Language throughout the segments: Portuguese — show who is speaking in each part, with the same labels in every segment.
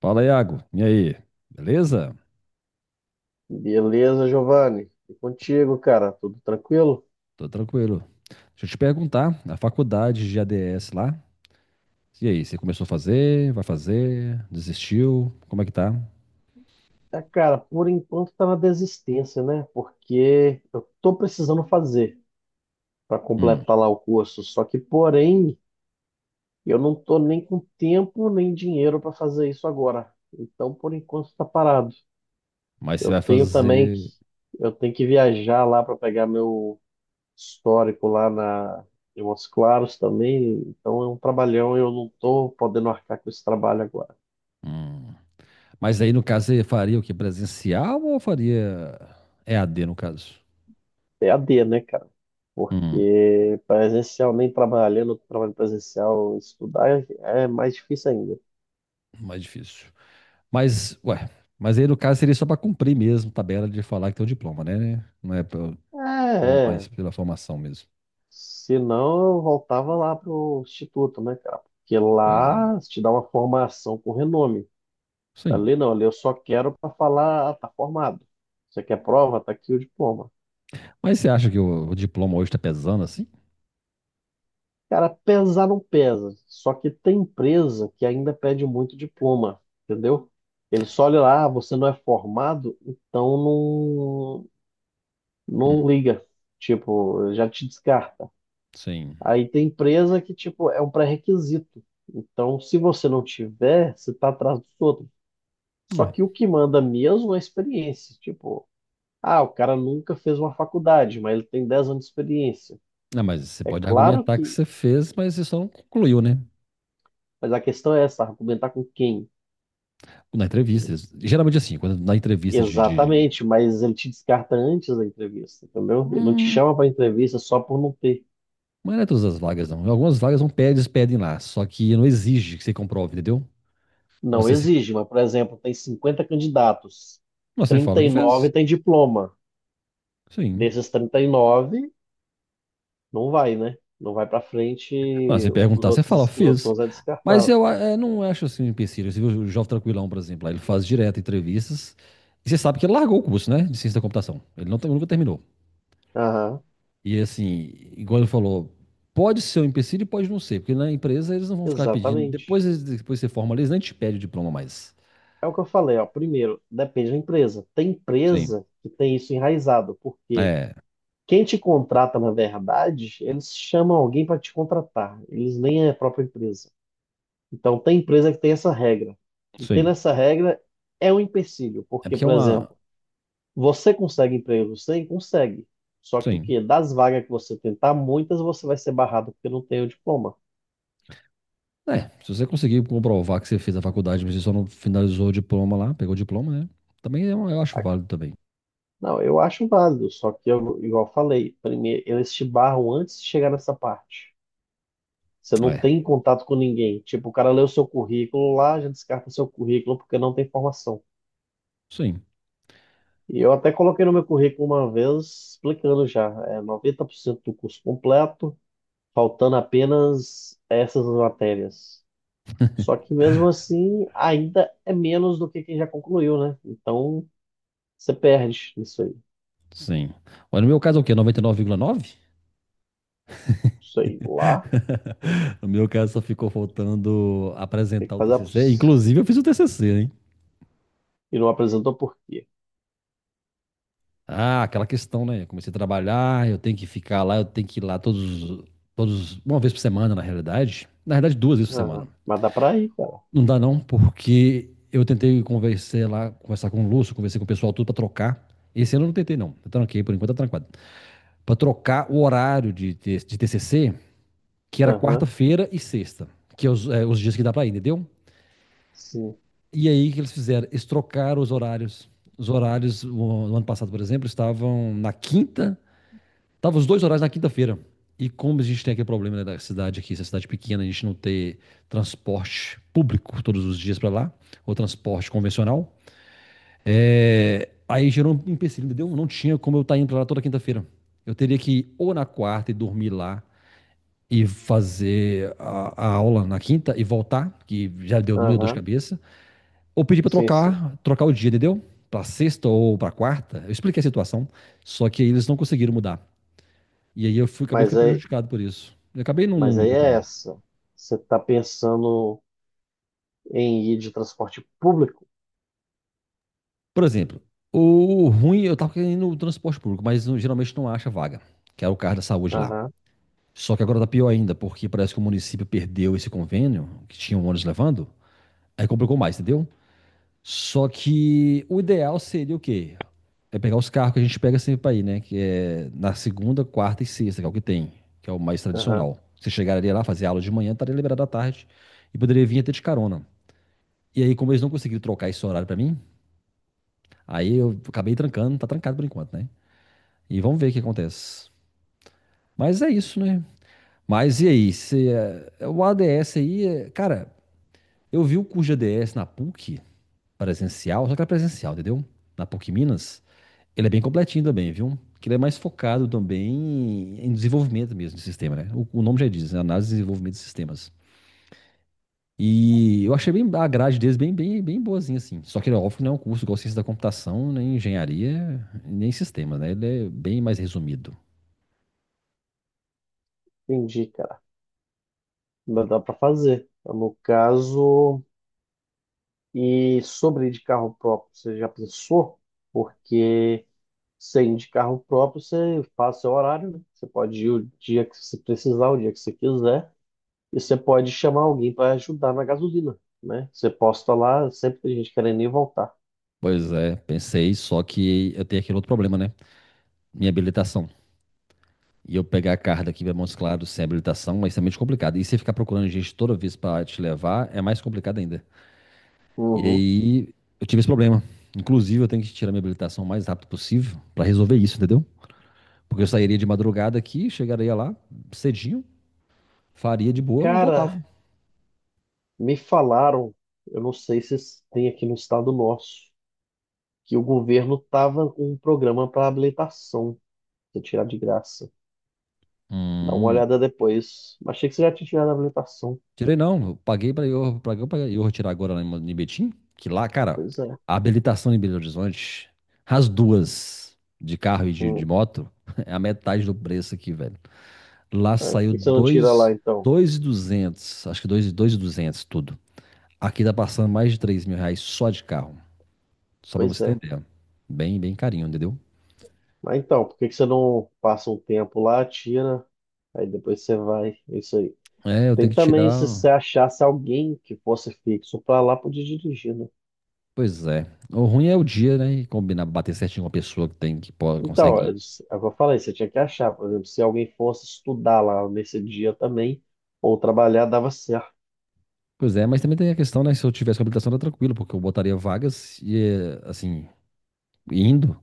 Speaker 1: Fala, Iago. E aí? Beleza?
Speaker 2: Beleza, Giovanni. E contigo, cara? Tudo tranquilo?
Speaker 1: Tô tranquilo. Deixa eu te perguntar, a faculdade de ADS lá, e aí, você começou a fazer, vai fazer, desistiu, como é que tá?
Speaker 2: É, cara, por enquanto tá na desistência, né? Porque eu tô precisando fazer para
Speaker 1: Hum,
Speaker 2: completar lá o curso. Só que, porém, eu não tô nem com tempo nem dinheiro para fazer isso agora. Então, por enquanto tá parado.
Speaker 1: mas você
Speaker 2: Eu
Speaker 1: vai
Speaker 2: tenho também que
Speaker 1: fazer...
Speaker 2: eu tenho que viajar lá para pegar meu histórico lá na em Montes Claros também. Então é um trabalhão e eu não tô podendo arcar com esse trabalho agora.
Speaker 1: Hum. Mas aí, no caso, você faria o quê? Presencial ou faria E a d no caso?
Speaker 2: EAD, né, cara?
Speaker 1: Hum,
Speaker 2: Porque presencial, nem trabalhando, trabalho presencial, estudar é mais difícil ainda.
Speaker 1: Mais difícil. Mas, ué, mas aí, no caso, seria só pra cumprir mesmo tabela de falar que tem o diploma, né? Não é pra- bom,
Speaker 2: É,
Speaker 1: mais
Speaker 2: é.
Speaker 1: pela formação mesmo.
Speaker 2: Se não, eu voltava lá pro instituto, né, cara? Porque
Speaker 1: Pois é.
Speaker 2: lá te dá uma formação com renome.
Speaker 1: Sim.
Speaker 2: Ali não, ali eu só quero para falar, ah, tá formado. Você quer prova? Tá aqui o diploma.
Speaker 1: Mas você acha que o diploma hoje está pesando assim?
Speaker 2: Cara, pesar não pesa. Só que tem empresa que ainda pede muito diploma, entendeu? Ele só olha lá, ah, você não é formado, então não,
Speaker 1: Hum,
Speaker 2: não liga, tipo, já te descarta.
Speaker 1: sim.
Speaker 2: Aí tem empresa que, tipo, é um pré-requisito. Então, se você não tiver, você tá atrás dos outros. Só
Speaker 1: Ué.
Speaker 2: que o que manda mesmo é a experiência. Tipo, ah, o cara nunca fez uma faculdade, mas ele tem 10 anos de experiência.
Speaker 1: Não, mas você
Speaker 2: É
Speaker 1: pode
Speaker 2: claro
Speaker 1: argumentar que
Speaker 2: que,
Speaker 1: você fez, mas você só não concluiu, né?
Speaker 2: mas a questão é essa, argumentar com quem?
Speaker 1: Na entrevista. Geralmente assim, quando na entrevista de.
Speaker 2: Exatamente, mas ele te descarta antes da entrevista, entendeu? Ele não te
Speaker 1: Hum.
Speaker 2: chama para entrevista só por não ter.
Speaker 1: Mas não é todas as vagas, não. Algumas vagas não pedem, eles pedem lá. Só que não exige que você comprove, entendeu? Quando
Speaker 2: Não
Speaker 1: você, se...
Speaker 2: exige, mas, por exemplo, tem 50 candidatos,
Speaker 1: Mas você
Speaker 2: trinta
Speaker 1: fala que
Speaker 2: e nove
Speaker 1: fez.
Speaker 2: tem diploma.
Speaker 1: Sim.
Speaker 2: Desses 39, não vai, né? Não vai para frente,
Speaker 1: Mas se
Speaker 2: os
Speaker 1: perguntar, você
Speaker 2: outros,
Speaker 1: fala,
Speaker 2: os outros
Speaker 1: fiz.
Speaker 2: 11 é
Speaker 1: Mas
Speaker 2: descartável.
Speaker 1: eu não acho assim um empecilho. Você viu o Jovem Tranquilão, por exemplo, lá, ele faz direto entrevistas. E você sabe que ele largou o curso, né? De ciência da computação. Ele não, nunca terminou.
Speaker 2: Aham,
Speaker 1: E assim, igual ele falou, pode ser um empecilho e pode não ser, porque na empresa eles não vão ficar pedindo.
Speaker 2: exatamente.
Speaker 1: Depois, depois que você forma, eles nem te pedem o diploma mais.
Speaker 2: É o que eu falei, ó. Primeiro, depende da empresa. Tem
Speaker 1: Sim.
Speaker 2: empresa que tem isso enraizado, porque
Speaker 1: É,
Speaker 2: quem te contrata, na verdade, eles chamam alguém para te contratar. Eles nem é a própria empresa. Então, tem empresa que tem essa regra. E tendo
Speaker 1: sim.
Speaker 2: essa regra, é um empecilho,
Speaker 1: É
Speaker 2: porque,
Speaker 1: porque é
Speaker 2: por
Speaker 1: uma.
Speaker 2: exemplo, você consegue emprego? Sim, consegue. Só que o
Speaker 1: Sim.
Speaker 2: quê? Das vagas que você tentar, muitas você vai ser barrado porque não tem o diploma.
Speaker 1: É, se você conseguir comprovar que você fez a faculdade, mas você só não finalizou o diploma lá, pegou o diploma, né? Também é eu acho
Speaker 2: A-
Speaker 1: válido também.
Speaker 2: Não, eu acho válido, só que eu, igual eu falei, primeiro eles te barram antes de chegar nessa parte. Você não
Speaker 1: É,
Speaker 2: tem contato com ninguém. Tipo, o cara lê o seu currículo lá, já descarta seu currículo porque não tem formação.
Speaker 1: sim,
Speaker 2: E eu até coloquei no meu currículo uma vez, explicando já, é 90% do curso completo, faltando apenas essas matérias. Só que mesmo assim, ainda é menos do que quem já concluiu, né? Então, você perde isso aí.
Speaker 1: sim. Mas no meu caso é o quê? 99,9?
Speaker 2: Isso aí lá,
Speaker 1: No meu caso só ficou faltando
Speaker 2: tem que
Speaker 1: apresentar o
Speaker 2: fazer.
Speaker 1: TCC. Inclusive eu fiz o TCC.
Speaker 2: E não apresentou por quê?
Speaker 1: Ah, aquela questão, né? Eu comecei a trabalhar, eu tenho que ficar lá, eu tenho que ir lá todos, todos, uma vez por semana, na realidade. Na realidade, duas vezes por
Speaker 2: Aham.
Speaker 1: semana.
Speaker 2: Mas dá pra ir, cara.
Speaker 1: Não dá não, porque eu tentei conversar lá, conversar com o Lúcio, conversei com o pessoal tudo pra trocar. Esse ano eu não tentei não, eu tranquei, por enquanto tá trancado. Pra trocar o horário de TCC, que era
Speaker 2: Aham.
Speaker 1: quarta-feira e sexta, que é os dias que dá pra ir, entendeu?
Speaker 2: Sim.
Speaker 1: E aí, o que eles fizeram? Eles trocaram os horários. Os horários, no ano passado, por exemplo, estavam na quinta. Tava os dois horários na quinta-feira. E como a gente tem aquele problema, né, da cidade aqui, essa cidade pequena, a gente não ter transporte público todos os dias para lá, ou transporte convencional, aí gerou um empecilho, entendeu? Não tinha como eu estar indo pra lá toda quinta-feira. Eu teria que ir ou na quarta e dormir lá e fazer a aula na quinta e voltar, que já deu muita dor de
Speaker 2: Aham.
Speaker 1: cabeça, ou pedir para
Speaker 2: Sim, sim.
Speaker 1: trocar, trocar o dia, entendeu? Para sexta ou para quarta. Eu expliquei a situação, só que eles não conseguiram mudar. E aí eu fui, acabei
Speaker 2: Mas
Speaker 1: ficando
Speaker 2: aí,
Speaker 1: prejudicado por isso. Eu acabei não,
Speaker 2: mas
Speaker 1: não
Speaker 2: aí
Speaker 1: indo
Speaker 2: é
Speaker 1: também.
Speaker 2: essa. Você tá pensando em ir de transporte público?
Speaker 1: Por exemplo, o ruim, eu tava querendo o transporte público, mas geralmente não acha vaga, que era o carro da saúde lá.
Speaker 2: Aham.
Speaker 1: Só que agora tá pior ainda, porque parece que o município perdeu esse convênio, que tinha um ônibus levando, aí complicou mais, entendeu? Só que o ideal seria o quê? É pegar os carros que a gente pega sempre pra ir, né? Que é na segunda, quarta e sexta, que é o que tem, que é o mais
Speaker 2: Aham.
Speaker 1: tradicional. Você chegaria lá, fazer aula de manhã, estaria liberado à tarde e poderia vir até de carona. E aí, como eles não conseguiram trocar esse horário pra mim, aí eu acabei trancando, tá trancado por enquanto, né? E vamos ver o que acontece. Mas é isso, né? Mas e aí? Se, o ADS aí, cara, eu vi o curso de ADS na PUC presencial, só que era presencial, entendeu? Na PUC Minas, ele é bem completinho também, viu? Que ele é mais focado também em desenvolvimento mesmo de sistema, né? O nome já diz, né? Análise e desenvolvimento de sistemas. E eu achei bem a grade deles bem, bem, bem boazinha, assim. Só que, óbvio, que não é um curso igual ciência da computação, nem engenharia, nem sistemas, né? Ele é bem mais resumido.
Speaker 2: Entendi, cara. Mas dá pra fazer. No caso, e sobre ir de carro próprio, você já pensou? Porque. Você ir de carro próprio, você faz seu horário, né? Você pode ir o dia que você precisar, o dia que você quiser, e você pode chamar alguém para ajudar na gasolina, né? Você posta lá, sempre tem gente querendo ir e voltar.
Speaker 1: Pois é, pensei, só que eu tenho aquele outro problema, né? Minha habilitação. E eu pegar a carta aqui para Montes Claros sem habilitação é extremamente complicado. E você ficar procurando gente toda vez para te levar é mais complicado ainda. E
Speaker 2: Uhum.
Speaker 1: aí eu tive esse problema. Inclusive, eu tenho que tirar minha habilitação o mais rápido possível para resolver isso, entendeu? Porque eu sairia de madrugada aqui, chegaria lá cedinho, faria de boa e
Speaker 2: Cara,
Speaker 1: voltava.
Speaker 2: me falaram, eu não sei se tem aqui no estado nosso, que o governo tava com um programa para habilitação, você tirar de graça. Dá uma
Speaker 1: Hum.
Speaker 2: olhada depois. Achei que você já tinha tirado a habilitação.
Speaker 1: Tirei não, eu paguei pra eu retirar agora lá em Betim, que lá, cara,
Speaker 2: Pois é.
Speaker 1: a habilitação em Belo Horizonte, as duas, de carro e de
Speaker 2: Hum,
Speaker 1: moto, é a metade do preço aqui, velho. Lá
Speaker 2: é. Por
Speaker 1: saiu
Speaker 2: que você não tira lá
Speaker 1: dois,
Speaker 2: então?
Speaker 1: dois e duzentos, acho que dois, dois e duzentos tudo. Aqui tá passando mais de R$ 3.000 só de carro, só pra
Speaker 2: Pois
Speaker 1: você
Speaker 2: é.
Speaker 1: entender. Bem, bem carinho, entendeu?
Speaker 2: Ah, então, por que que você não passa um tempo lá, tira, aí depois você vai, é isso aí.
Speaker 1: É, eu
Speaker 2: Tem
Speaker 1: tenho que
Speaker 2: também, se
Speaker 1: tirar.
Speaker 2: você achasse alguém que fosse fixo para lá, podia dirigir, né?
Speaker 1: Pois é. O ruim é o dia, né? E combinar, bater certinho com a pessoa que tem, que pode,
Speaker 2: Então,
Speaker 1: consegue
Speaker 2: é
Speaker 1: ir.
Speaker 2: isso, é o que eu falei, você tinha que achar, por exemplo, se alguém fosse estudar lá nesse dia também, ou trabalhar, dava certo.
Speaker 1: Pois é, mas também tem a questão, né? Se eu tivesse com habilitação, era tranquilo, porque eu botaria vagas e, assim, indo.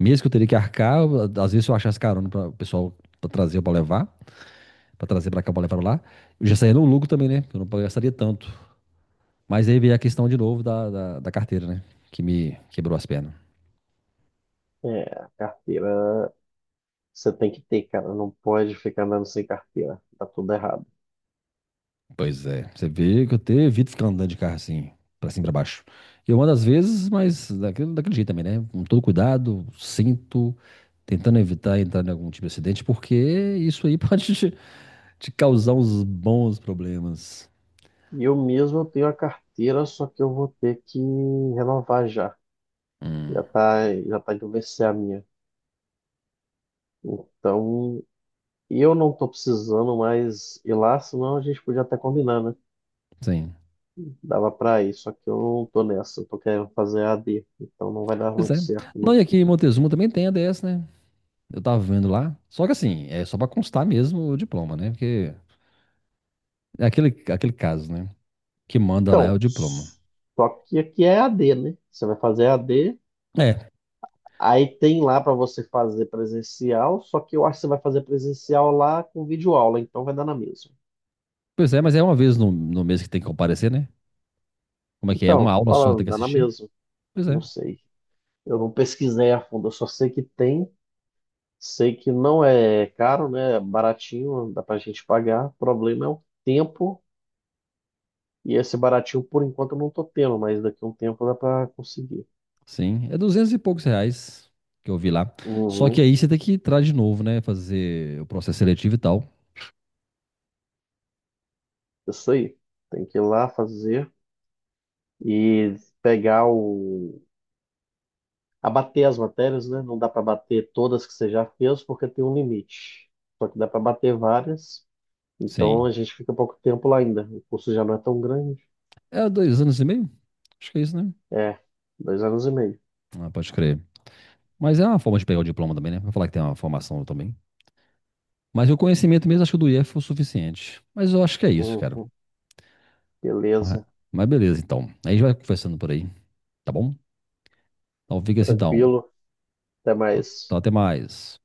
Speaker 1: Mesmo que eu teria que arcar, às vezes se eu achasse carona para o pessoal pra trazer ou pra levar, pra trazer pra cá ou pra levar pra lá, eu já saía no lucro também, né? Eu não gastaria tanto. Mas aí veio a questão de novo da carteira, né? Que me quebrou as pernas.
Speaker 2: É, a carteira você tem que ter, cara, não pode ficar andando sem carteira, tá tudo errado.
Speaker 1: Pois é, você vê que eu te evito ficar andando de carro assim, pra cima e pra baixo. Eu ando às vezes, mas daquele jeito também, né? Com todo cuidado, sinto tentando evitar entrar em algum tipo de acidente, porque isso aí pode te causar uns bons problemas.
Speaker 2: E eu mesmo eu tenho a carteira, só que eu vou ter que renovar já.
Speaker 1: Hum,
Speaker 2: Já tá indo vencer a minha. Então, eu não tô precisando mais ir lá, senão a gente podia até combinar, né?
Speaker 1: sim.
Speaker 2: Dava pra ir, só que eu não tô nessa, eu tô querendo fazer AD, então não vai dar
Speaker 1: Pois
Speaker 2: muito
Speaker 1: é.
Speaker 2: certo,
Speaker 1: Não,
Speaker 2: não.
Speaker 1: e aqui em Montezuma também tem a DS, né? Eu tava vendo lá. Só que assim, é só pra constar mesmo o diploma, né? Porque é aquele caso, né? Que manda lá é
Speaker 2: Então,
Speaker 1: o diploma.
Speaker 2: só que aqui é AD, né? Você vai fazer AD,
Speaker 1: É,
Speaker 2: aí tem lá pra você fazer presencial, só que eu acho que você vai fazer presencial lá com videoaula, então vai dar na mesma.
Speaker 1: pois é, mas é uma vez no mês que tem que comparecer, né? Como é que é?
Speaker 2: Então,
Speaker 1: Uma
Speaker 2: tô
Speaker 1: aula só que tem
Speaker 2: falando,
Speaker 1: que
Speaker 2: dá na
Speaker 1: assistir?
Speaker 2: mesma,
Speaker 1: Pois
Speaker 2: não
Speaker 1: é.
Speaker 2: sei. Eu não pesquisei a fundo, eu só sei que tem. Sei que não é caro, né? É baratinho, dá pra gente pagar. O problema é o tempo. E esse baratinho, por enquanto, eu não tô tendo, mas daqui a um tempo dá pra conseguir.
Speaker 1: Sim, é duzentos e poucos reais que eu vi lá. Só que
Speaker 2: Uhum,
Speaker 1: aí você tem que entrar de novo, né? Fazer o processo seletivo e tal.
Speaker 2: isso aí. Tem que ir lá fazer e pegar o. Abater as matérias, né? Não dá pra bater todas que você já fez, porque tem um limite. Só que dá pra bater várias.
Speaker 1: Sim.
Speaker 2: Então a gente fica pouco tempo lá ainda. O curso já não é tão grande.
Speaker 1: É 2 anos e meio? Acho que é isso, né?
Speaker 2: É, dois anos e meio.
Speaker 1: Ah, pode crer. Mas é uma forma de pegar o diploma também, né? Vou falar que tem uma formação também. Mas o conhecimento mesmo, acho que o do IF foi o suficiente. Mas eu acho que é isso, cara.
Speaker 2: Uhum,
Speaker 1: Mas
Speaker 2: beleza,
Speaker 1: beleza, então. Aí a gente vai conversando por aí, tá bom? Então fica assim, então.
Speaker 2: tranquilo. Até mais.
Speaker 1: Então até mais.